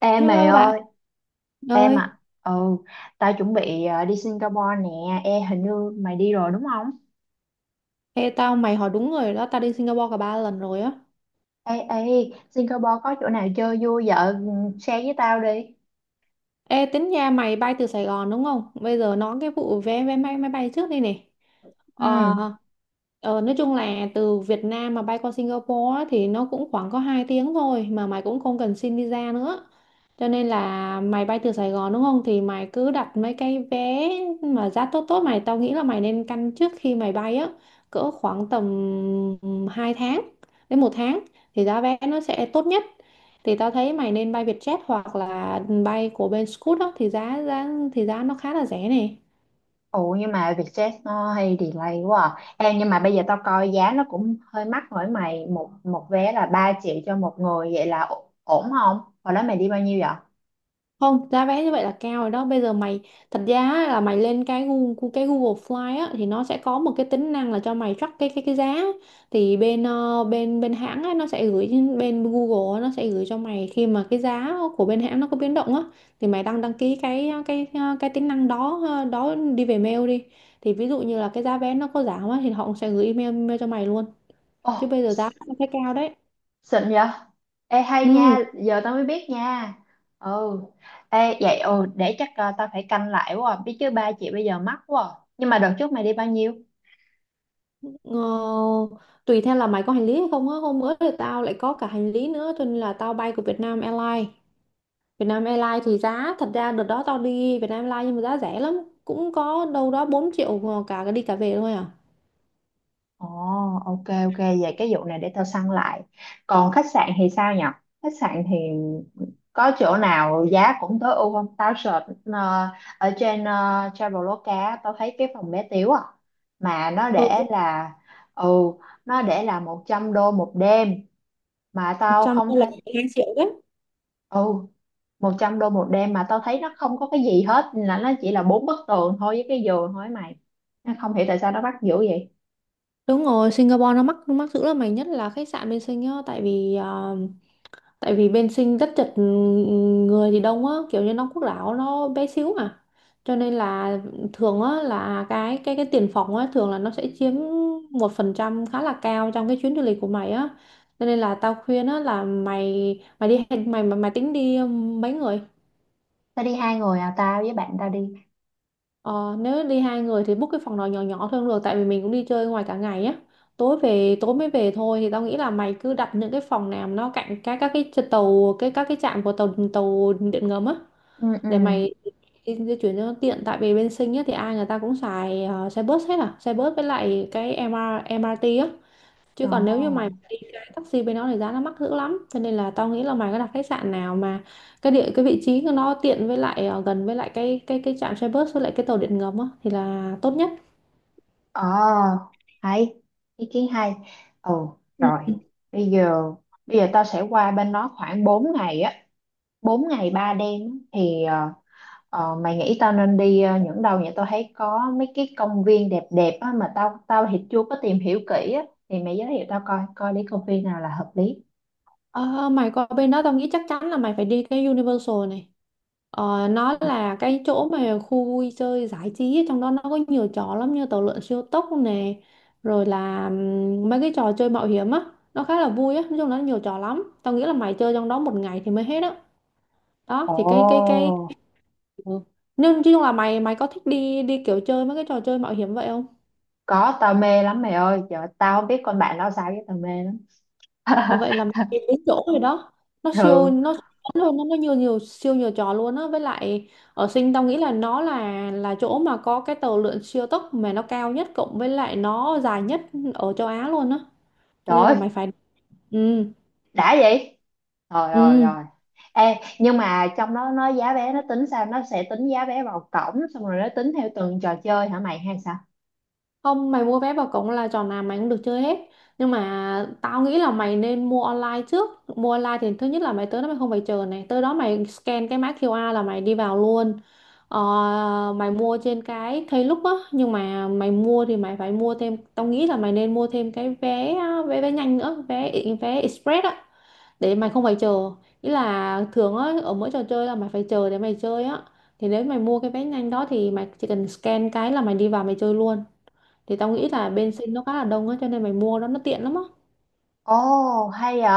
Em mày Hello bạn ơi, em ơi, à. Ừ, tao chuẩn bị đi Singapore nè. Ê, hình như mày đi rồi đúng không? ê tao mày hỏi đúng người đó, tao đi Singapore cả ba lần rồi á. Ê, ê, Singapore có chỗ nào chơi vui vậy? Ừ, share với tao đi. Ê tính nhà mày bay từ Sài Gòn đúng không? Bây giờ nói cái vụ vé vé máy máy bay trước đây này. Ừ. Ờ, nói chung là từ Việt Nam mà bay qua Singapore á, thì nó cũng khoảng có 2 tiếng thôi mà mày cũng không cần xin visa nữa. Cho nên là mày bay từ Sài Gòn đúng không? Thì mày cứ đặt mấy cái vé mà giá tốt tốt mày. Tao nghĩ là mày nên căn trước khi mày bay á. Cỡ khoảng tầm 2 tháng đến một tháng. Thì giá vé nó sẽ tốt nhất. Thì tao thấy mày nên bay Vietjet hoặc là bay của bên Scoot á. Thì giá giá thì giá nó khá là rẻ này. Ủa nhưng mà Vietjet nó hay delay quá à. Em nhưng mà bây giờ tao coi giá nó cũng hơi mắc rồi mày. Một một vé là 3 triệu cho một người vậy là ổn không? Hồi đó mày đi bao nhiêu vậy? Không, giá vé như vậy là cao rồi đó. Bây giờ mày thật ra á, là mày lên cái Google Fly á thì nó sẽ có một cái tính năng là cho mày track cái giá. Thì bên ờ, bên bên hãng á nó sẽ gửi bên Google á, nó sẽ gửi cho mày khi mà cái giá của bên hãng nó có biến động á, thì mày đăng đăng ký cái cái tính năng đó, đó, đi về mail đi. Thì ví dụ như là cái giá vé nó có giảm á thì họ cũng sẽ gửi email cho mày luôn. Chứ Ồ, bây giờ giá nó thấy cao đấy. xịn vậy? Ê hay nha, Ừ. giờ tao mới biết nha. Ừ. Ê vậy ừ để chắc tao phải canh lại quá. À. Biết chứ ba chị bây giờ mắc quá. À. Nhưng mà đợt trước mày đi bao nhiêu? Ờ, Tùy theo là mày có hành lý hay không á, hôm bữa thì tao lại có cả hành lý nữa cho nên là tao bay của Vietnam Airlines. Thì giá thật ra đợt đó tao đi Vietnam Airlines nhưng mà giá rẻ lắm, cũng có đâu đó 4 triệu mà cả cái đi cả về thôi à. Ồ, ok ok vậy cái vụ này để tao săn lại. Còn khách sạn thì sao nhở? Khách sạn thì có chỗ nào giá cũng tối ưu không? Tao search ở trên Traveloka á, tao thấy cái phòng bé tiếu à mà nó Ừ, để là ừ nó để là 100 đô một đêm mà tao trong không đó là thấy 2 triệu đấy. ừ 100 đô một đêm mà tao thấy nó không có cái gì hết, là nó chỉ là bốn bức tường thôi với cái giường thôi ấy mày, nó không hiểu tại sao nó bắt dữ vậy. Đúng rồi, Singapore nó mắc dữ lắm mày, nhất là khách sạn bên Sing á. Tại vì bên Sinh rất chật, người thì đông á, kiểu như Đông Quốc Đảo nó bé xíu mà, cho nên là thường á là cái tiền phòng á thường là nó sẽ chiếm một phần trăm khá là cao trong cái chuyến du lịch của mày á. Cho nên là tao khuyên á, là mày mày đi mày mày, mày tính đi mấy người. Tao đi hai người à, tao với bạn tao đi. Ờ, nếu đi hai người thì book cái phòng nào nhỏ nhỏ thôi cũng được, tại vì mình cũng đi chơi ngoài cả ngày á, tối mới về thôi. Thì tao nghĩ là mày cứ đặt những cái phòng nào mà nó cạnh các cái tàu cái các cái trạm của tàu tàu điện ngầm á, Ừ, ừ. để mày đi di chuyển cho nó tiện. Tại vì bên Sinh nhất thì ai người ta cũng xài xe bus hết à, xe bus với lại cái MR, MRT á. Chứ còn nếu như mày Ồ. đi cái taxi bên đó thì giá nó mắc dữ lắm, cho nên là tao nghĩ là mày có đặt khách sạn nào mà cái vị trí của nó tiện, với lại gần với lại cái trạm xe bus với lại cái tàu điện ngầm á, thì là tốt nhất. Ồ hay, ý kiến hay. Ồ Ừ. rồi, bây giờ bây giờ tao sẽ qua bên đó khoảng 4 ngày á, 4 ngày 3 đêm á. Thì ờ, mày nghĩ tao nên đi những đâu nhỉ? Tao thấy có mấy cái công viên đẹp đẹp á, mà tao tao thì chưa có tìm hiểu kỹ á. Thì mày giới thiệu tao coi coi đi công viên nào là hợp lý. Ờ, mày qua bên đó tao nghĩ chắc chắn là mày phải đi cái Universal này. Ờ, nó là cái chỗ mà khu vui chơi giải trí ấy, trong đó nó có nhiều trò lắm, như tàu lượn siêu tốc nè, rồi là mấy cái trò chơi mạo hiểm á, nó khá là vui á. Nói chung là nó nhiều trò lắm, tao nghĩ là mày chơi trong đó một ngày thì mới hết á. Đó, Ồ, thì cái ừ. nhưng nói chung là mày mày có thích đi đi kiểu chơi mấy cái trò chơi mạo hiểm vậy không? có, tao mê lắm mày ơi. Trời ơi, tao không biết con bạn tao sao chứ tao mê lắm. Ờ, vậy là mình đi đúng chỗ rồi đó. Ừ, Nó siêu luôn, nó nhiều nhiều siêu nhiều trò luôn á. Với lại ở Sinh tao nghĩ là nó là chỗ mà có cái tàu lượn siêu tốc mà nó cao nhất cộng với lại nó dài nhất ở châu Á luôn á, cho trời nên là ơi, mày phải. Ừ, đã vậy. Rồi rồi ừ. rồi. Ê, nhưng mà trong đó nó giá vé nó tính sao? Nó sẽ tính giá vé vào cổng xong rồi nó tính theo từng trò chơi hả mày hay sao? Không, mày mua vé vào cổng là trò nào mày cũng được chơi hết. Nhưng mà tao nghĩ là mày nên mua online trước. Mua online thì thứ nhất là mày tới đó mày không phải chờ này. Tới đó mày scan cái mã QR là mày đi vào luôn. Ờ, mày mua trên cái Klook á. Nhưng mà mày mua thì mày phải mua thêm. Tao nghĩ là mày nên mua thêm cái vé vé vé nhanh nữa. Vé vé express á. Để mày không phải chờ. Ý là thường á, ở mỗi trò chơi là mày phải chờ để mày chơi á. Thì nếu mày mua cái vé nhanh đó thì mày chỉ cần scan cái là mày đi vào mày chơi luôn. Thì tao Ồ. nghĩ là bên sinh nó khá là đông á, cho nên mày mua đó nó tiện lắm á. Ồ, hay vậy.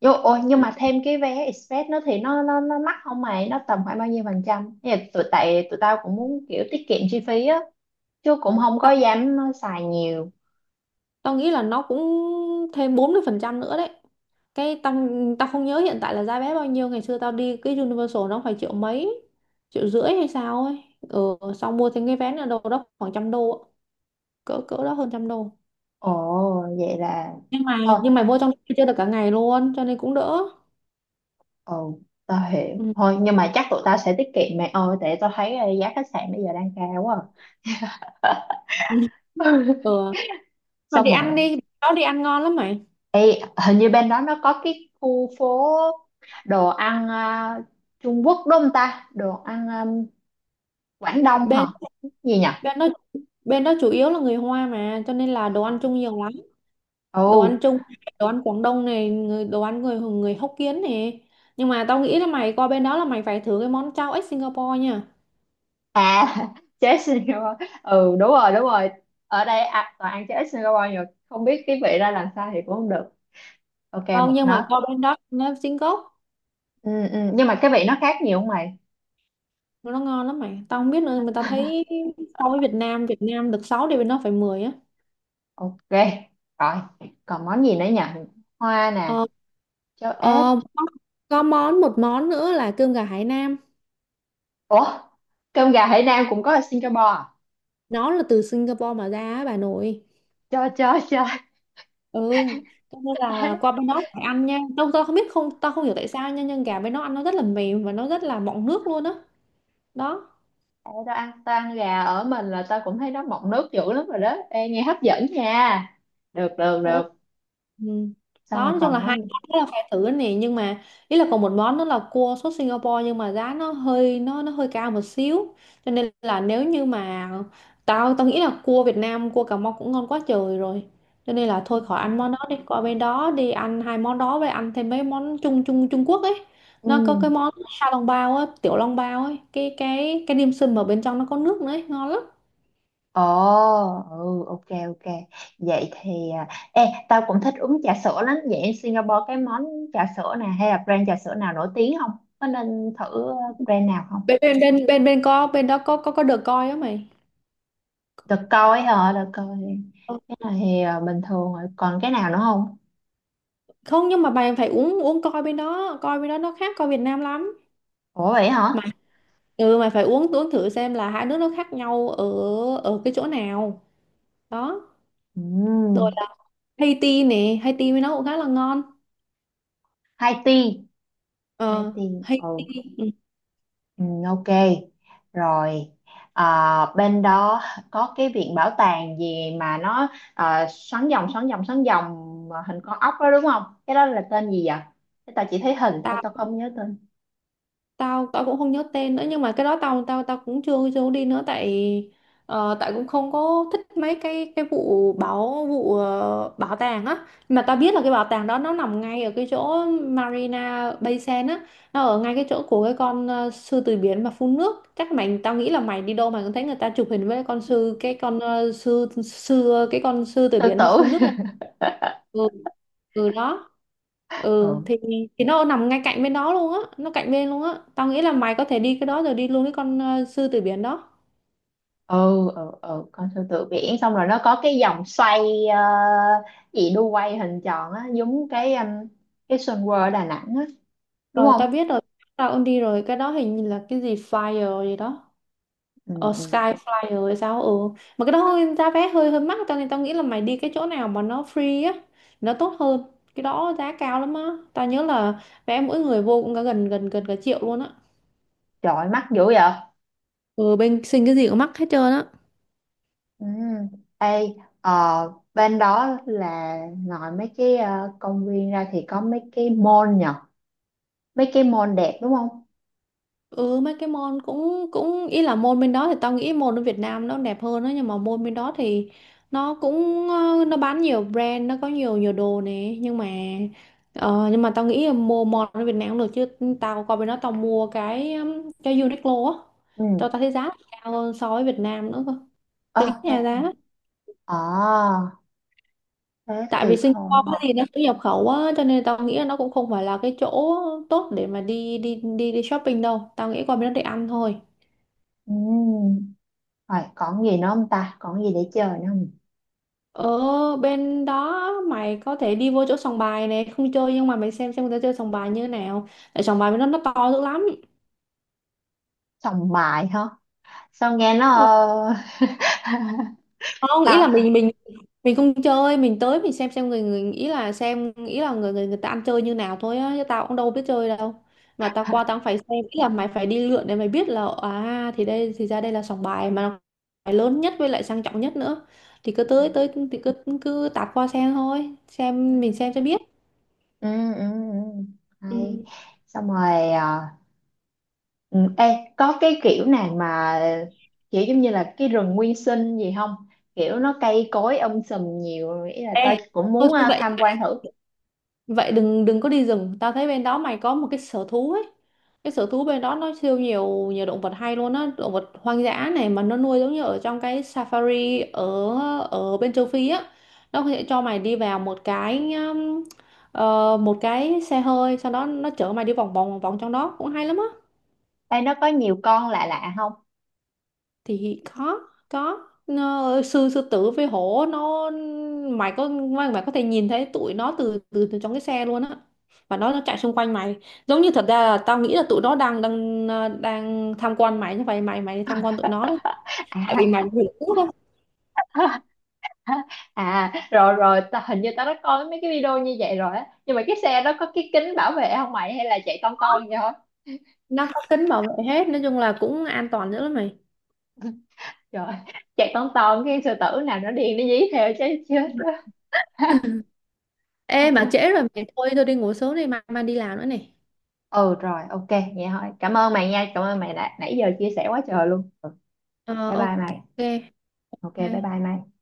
Vô, ôi, nhưng Ừ, mà thêm cái vé express nó thì nó mắc không mày? Nó tầm khoảng bao nhiêu phần trăm? Thì tại tụi tao cũng muốn kiểu tiết kiệm chi phí á, chứ cũng không có tao dám xài nhiều. tao nghĩ là nó cũng thêm 40% nữa đấy. Cái tao Tao không nhớ hiện tại là giá vé bao nhiêu, ngày xưa tao đi cái Universal nó phải triệu mấy, triệu rưỡi hay sao ấy. Ừ, xong mua thêm cái vé nữa đâu đó khoảng trăm đô ạ. Cỡ cỡ đó, hơn trăm đô. Ồ, vậy là Nhưng mà thôi. nhưng Mày mua trong đó chơi được cả ngày luôn cho nên cũng đỡ. Ồ, tao hiểu. Ừ. Thôi, nhưng mà chắc tụi tao sẽ tiết kiệm mày ơi, tại tao thấy giá khách sạn bây giờ đang cao quá. À. Ừ. Mà Xong đi rồi, ăn đi, đó đi ăn ngon lắm mày. hình như bên đó nó có cái khu phố đồ ăn à, Trung Quốc đúng không ta? Đồ ăn à, Quảng Đông Bên hả? Gì nhỉ? bên đó Bên đó chủ yếu là người Hoa mà, cho nên là Ờ. đồ ăn chung nhiều lắm. Đồ ăn Ồ, Trung này, đồ ăn Quảng Đông này, người đồ ăn người người Hokkien này. Nhưng mà tao nghĩ là mày qua bên đó là mày phải thử cái món chao ếch Singapore nha. à. Chế Singapore. Ừ đúng rồi, đúng rồi. Ở đây à, toàn ăn chế Singapore nhiều, không biết cái vị ra làm sao thì cũng không được. Ok, Tao một nhưng mà nấc. Qua bên đó nó chính gốc, Ừ, ừ. Nhưng mà cái vị nó khác nhiều không mày? nó ngon lắm mày. Tao không biết nữa mà tao thấy so với Việt Nam, được 6 thì bên đó phải 10 á. Ok. Rồi, còn món gì nữa nhỉ? Hoa nè, ờ, cháo ếch. ờ, có, có một món nữa là cơm gà Hải Nam. Ủa, cơm gà Hải Nam cũng có ở Singapore à? Nó là từ Singapore mà ra á bà nội. Cho cho. Ừ, cho nên là qua bên đó phải ăn nha. Tao, tao không biết không hiểu tại sao nha, nhưng gà bên đó ăn nó rất là mềm và nó rất là mọng nước luôn á. Đó. Ê, tao ăn gà ở mình là tao cũng thấy nó mọng nước dữ lắm rồi đó. Ê, nghe hấp dẫn nha. Được được Ủa, được. ừ. Xong Đó, rồi nói chung là còn hai món gì? món đó là phải thử nè, nhưng mà ý là còn một món đó là cua sốt Singapore. Nhưng mà giá nó hơi cao một xíu, cho nên là nếu như mà tao tao nghĩ là cua Việt Nam, cua Cà Mau cũng ngon quá trời rồi, cho nên là thôi khỏi ăn món đó đi, qua bên đó đi ăn hai món đó với ăn thêm mấy món Trung Trung Trung Quốc ấy. Ừ. Nó có cái món sa long bao á, tiểu long bao ấy, cái dim sum mà bên trong nó có nước nữa ấy, ngon lắm. Ồ, ừ, ok, ok. Vậy thì, à, ê, tao cũng thích uống trà sữa lắm. Vậy ở Singapore cái món trà sữa nè hay là brand trà sữa nào nổi tiếng không? Có nên thử brand nào không? Bên bên bên bên bên có Bên đó có được coi á mày. Được coi hả, được coi. Cái này thì à, bình thường rồi. Còn cái nào nữa không? Không, nhưng mà bạn phải uống uống coi, bên đó nó khác coi Việt Nam lắm. Ủa vậy hả? Mà ừ, mày phải uống uống thử xem là hai nước nó khác nhau ở ở cái chỗ nào đó. Ừ, Rồi là Haiti nè, Haiti với nó cũng khá là ngon. hai tea, hai Ờ tea. Haiti. Ừ. Ừ, Ừ, ok rồi, à, bên đó có cái viện bảo tàng gì mà nó à, xoắn vòng xoắn vòng xoắn vòng mà hình con ốc đó đúng không, cái đó là tên gì vậy? Cái tao chỉ thấy hình thôi tao tao không nhớ tên. tao tao cũng không nhớ tên nữa, nhưng mà cái đó tao tao tao cũng chưa chưa có đi nữa. Tại ờ, tại cũng không có thích mấy cái vụ bảo vụ ờ, bảo tàng á. Nhưng mà tao biết là cái bảo tàng đó nó nằm ngay ở cái chỗ Marina Bay Sands á. Nó ở ngay cái chỗ của cái con sư tử biển mà phun nước. Chắc mày, tao nghĩ là mày đi đâu mày cũng thấy người ta chụp hình với con sư cái con ờ, sư sư cái con sư tử Sư biển mà tử. phun nước á. Ừ. Ừ, đó, ừ Ừ, thì nó nằm ngay cạnh bên đó luôn á, tao nghĩ là mày có thể đi cái đó rồi đi luôn cái con sư tử biển đó. ừ. Ừ, ừ. Con sư tử biển xong rồi nó có cái vòng xoay ờ, gì đu quay hình tròn á, giống cái Sun World Đà Nẵng á, đúng Rồi, không? tao biết rồi, tao cũng đi rồi. Cái đó hình như là cái gì flyer gì đó, Ừ, ờ ừ. sky flyer hay sao. Ừ, mà cái đó giá vé hơi hơi mắc, cho nên tao nghĩ là mày đi cái chỗ nào mà nó free á, nó tốt hơn. Cái đó giá cao lắm á, tao nhớ là vé mỗi người vô cũng cả gần gần gần cả triệu luôn á. Trời ơi, mắc dữ vậy. Ừ, bên sinh cái gì cũng mắc hết trơn á. Ừ. Ê, ờ, bên đó là ngoài mấy cái công viên ra thì có mấy cái mall nhở. Mấy cái mall đẹp đúng không? Ừ, mấy cái môn cũng cũng ý là môn bên đó thì tao nghĩ môn ở Việt Nam nó đẹp hơn đó. Nhưng mà môn bên đó thì nó cũng nó bán nhiều brand, nó có nhiều nhiều đồ nè. Nhưng mà tao nghĩ là mua món ở Việt Nam cũng được chứ. Tao qua bên đó tao mua cái Uniqlo á, Ừ. tao tao thấy giá cao hơn so với Việt Nam nữa cơ. Tính Ờ, đây. nhà giá, Ờ, thế tại vì thì thôi. Singapore thì nó cũng nhập khẩu á, cho nên tao nghĩ là nó cũng không phải là cái chỗ tốt để mà đi đi đi đi shopping đâu. Tao nghĩ qua bên đó để ăn thôi. Ừ. Rồi, còn gì nữa không ta? Còn gì để chơi nữa không? Ở bên đó mày có thể đi vô chỗ sòng bài này, không chơi nhưng mà mày xem người ta chơi sòng bài như thế nào. Tại sòng bài bên đó nó to dữ lắm. Sòng bài hả? Sao nghe nó... Ờ, không ý là ta... mình không chơi, mình tới mình xem người người ý là xem ý là người người người ta ăn chơi như nào thôi á, chứ tao cũng đâu biết chơi đâu. Mà tao qua tao cũng phải xem, ý là mày phải đi lượn để mày biết là à, thì đây, thì ra đây là sòng bài mà nó phải lớn nhất với lại sang trọng nhất nữa. Thì cứ tới tới thì cứ cứ tạt qua xem thôi, Ừ. xem mình xem cho biết. Ừ, ừ, ừ. Hay. Ừ. Xong rồi... ừ, ê, có cái kiểu nào mà kiểu giống như là cái rừng nguyên sinh gì không? Kiểu nó cây cối sùm nhiều, ý là tao Ê, cũng thôi muốn thôi vậy tham quan thử. vậy đừng đừng có đi rừng. Tao thấy bên đó mày có một cái sở thú ấy, cái sở thú bên đó nó siêu nhiều nhiều động vật hay luôn á, động vật hoang dã này, mà nó nuôi giống như ở trong cái safari ở ở bên châu Phi á. Nó sẽ cho mày đi vào một cái một cái xe hơi, sau đó nó chở mày đi vòng vòng vòng trong đó cũng hay lắm á. Ê, nó có nhiều con lạ lạ không? Thì có nó, sư sư tử với hổ nó, mày có thể nhìn thấy tụi nó từ từ, từ trong cái xe luôn á, và nó chạy xung quanh mày. Giống như thật ra là tao nghĩ là tụi nó đang đang ờ, đang tham quan mày, như vậy mày, mày đi tham quan tụi nó đó. Tại vì mày À. vừa trước á, À rồi rồi, tao, hình như tao đã coi mấy cái video như vậy rồi á. Nhưng mà cái xe đó có cái kính bảo vệ không mày? Hay là chạy ton ton vậy thôi? nó có kính bảo vệ hết, nói chung là cũng an toàn dữ lắm mày. Rồi, chạy ton ton cái sư tử nào nó điên nó dí theo chứ chết đó. Ê, mà trễ rồi mày, thôi tôi đi ngủ sớm đi, mai mai đi làm nữa này. Ừ rồi, ok, vậy thôi. Cảm ơn mày nha, cảm ơn mày đã nãy giờ chia sẻ quá trời luôn. Ờ, Bye bye ok. mày. Ok, bye bye mày.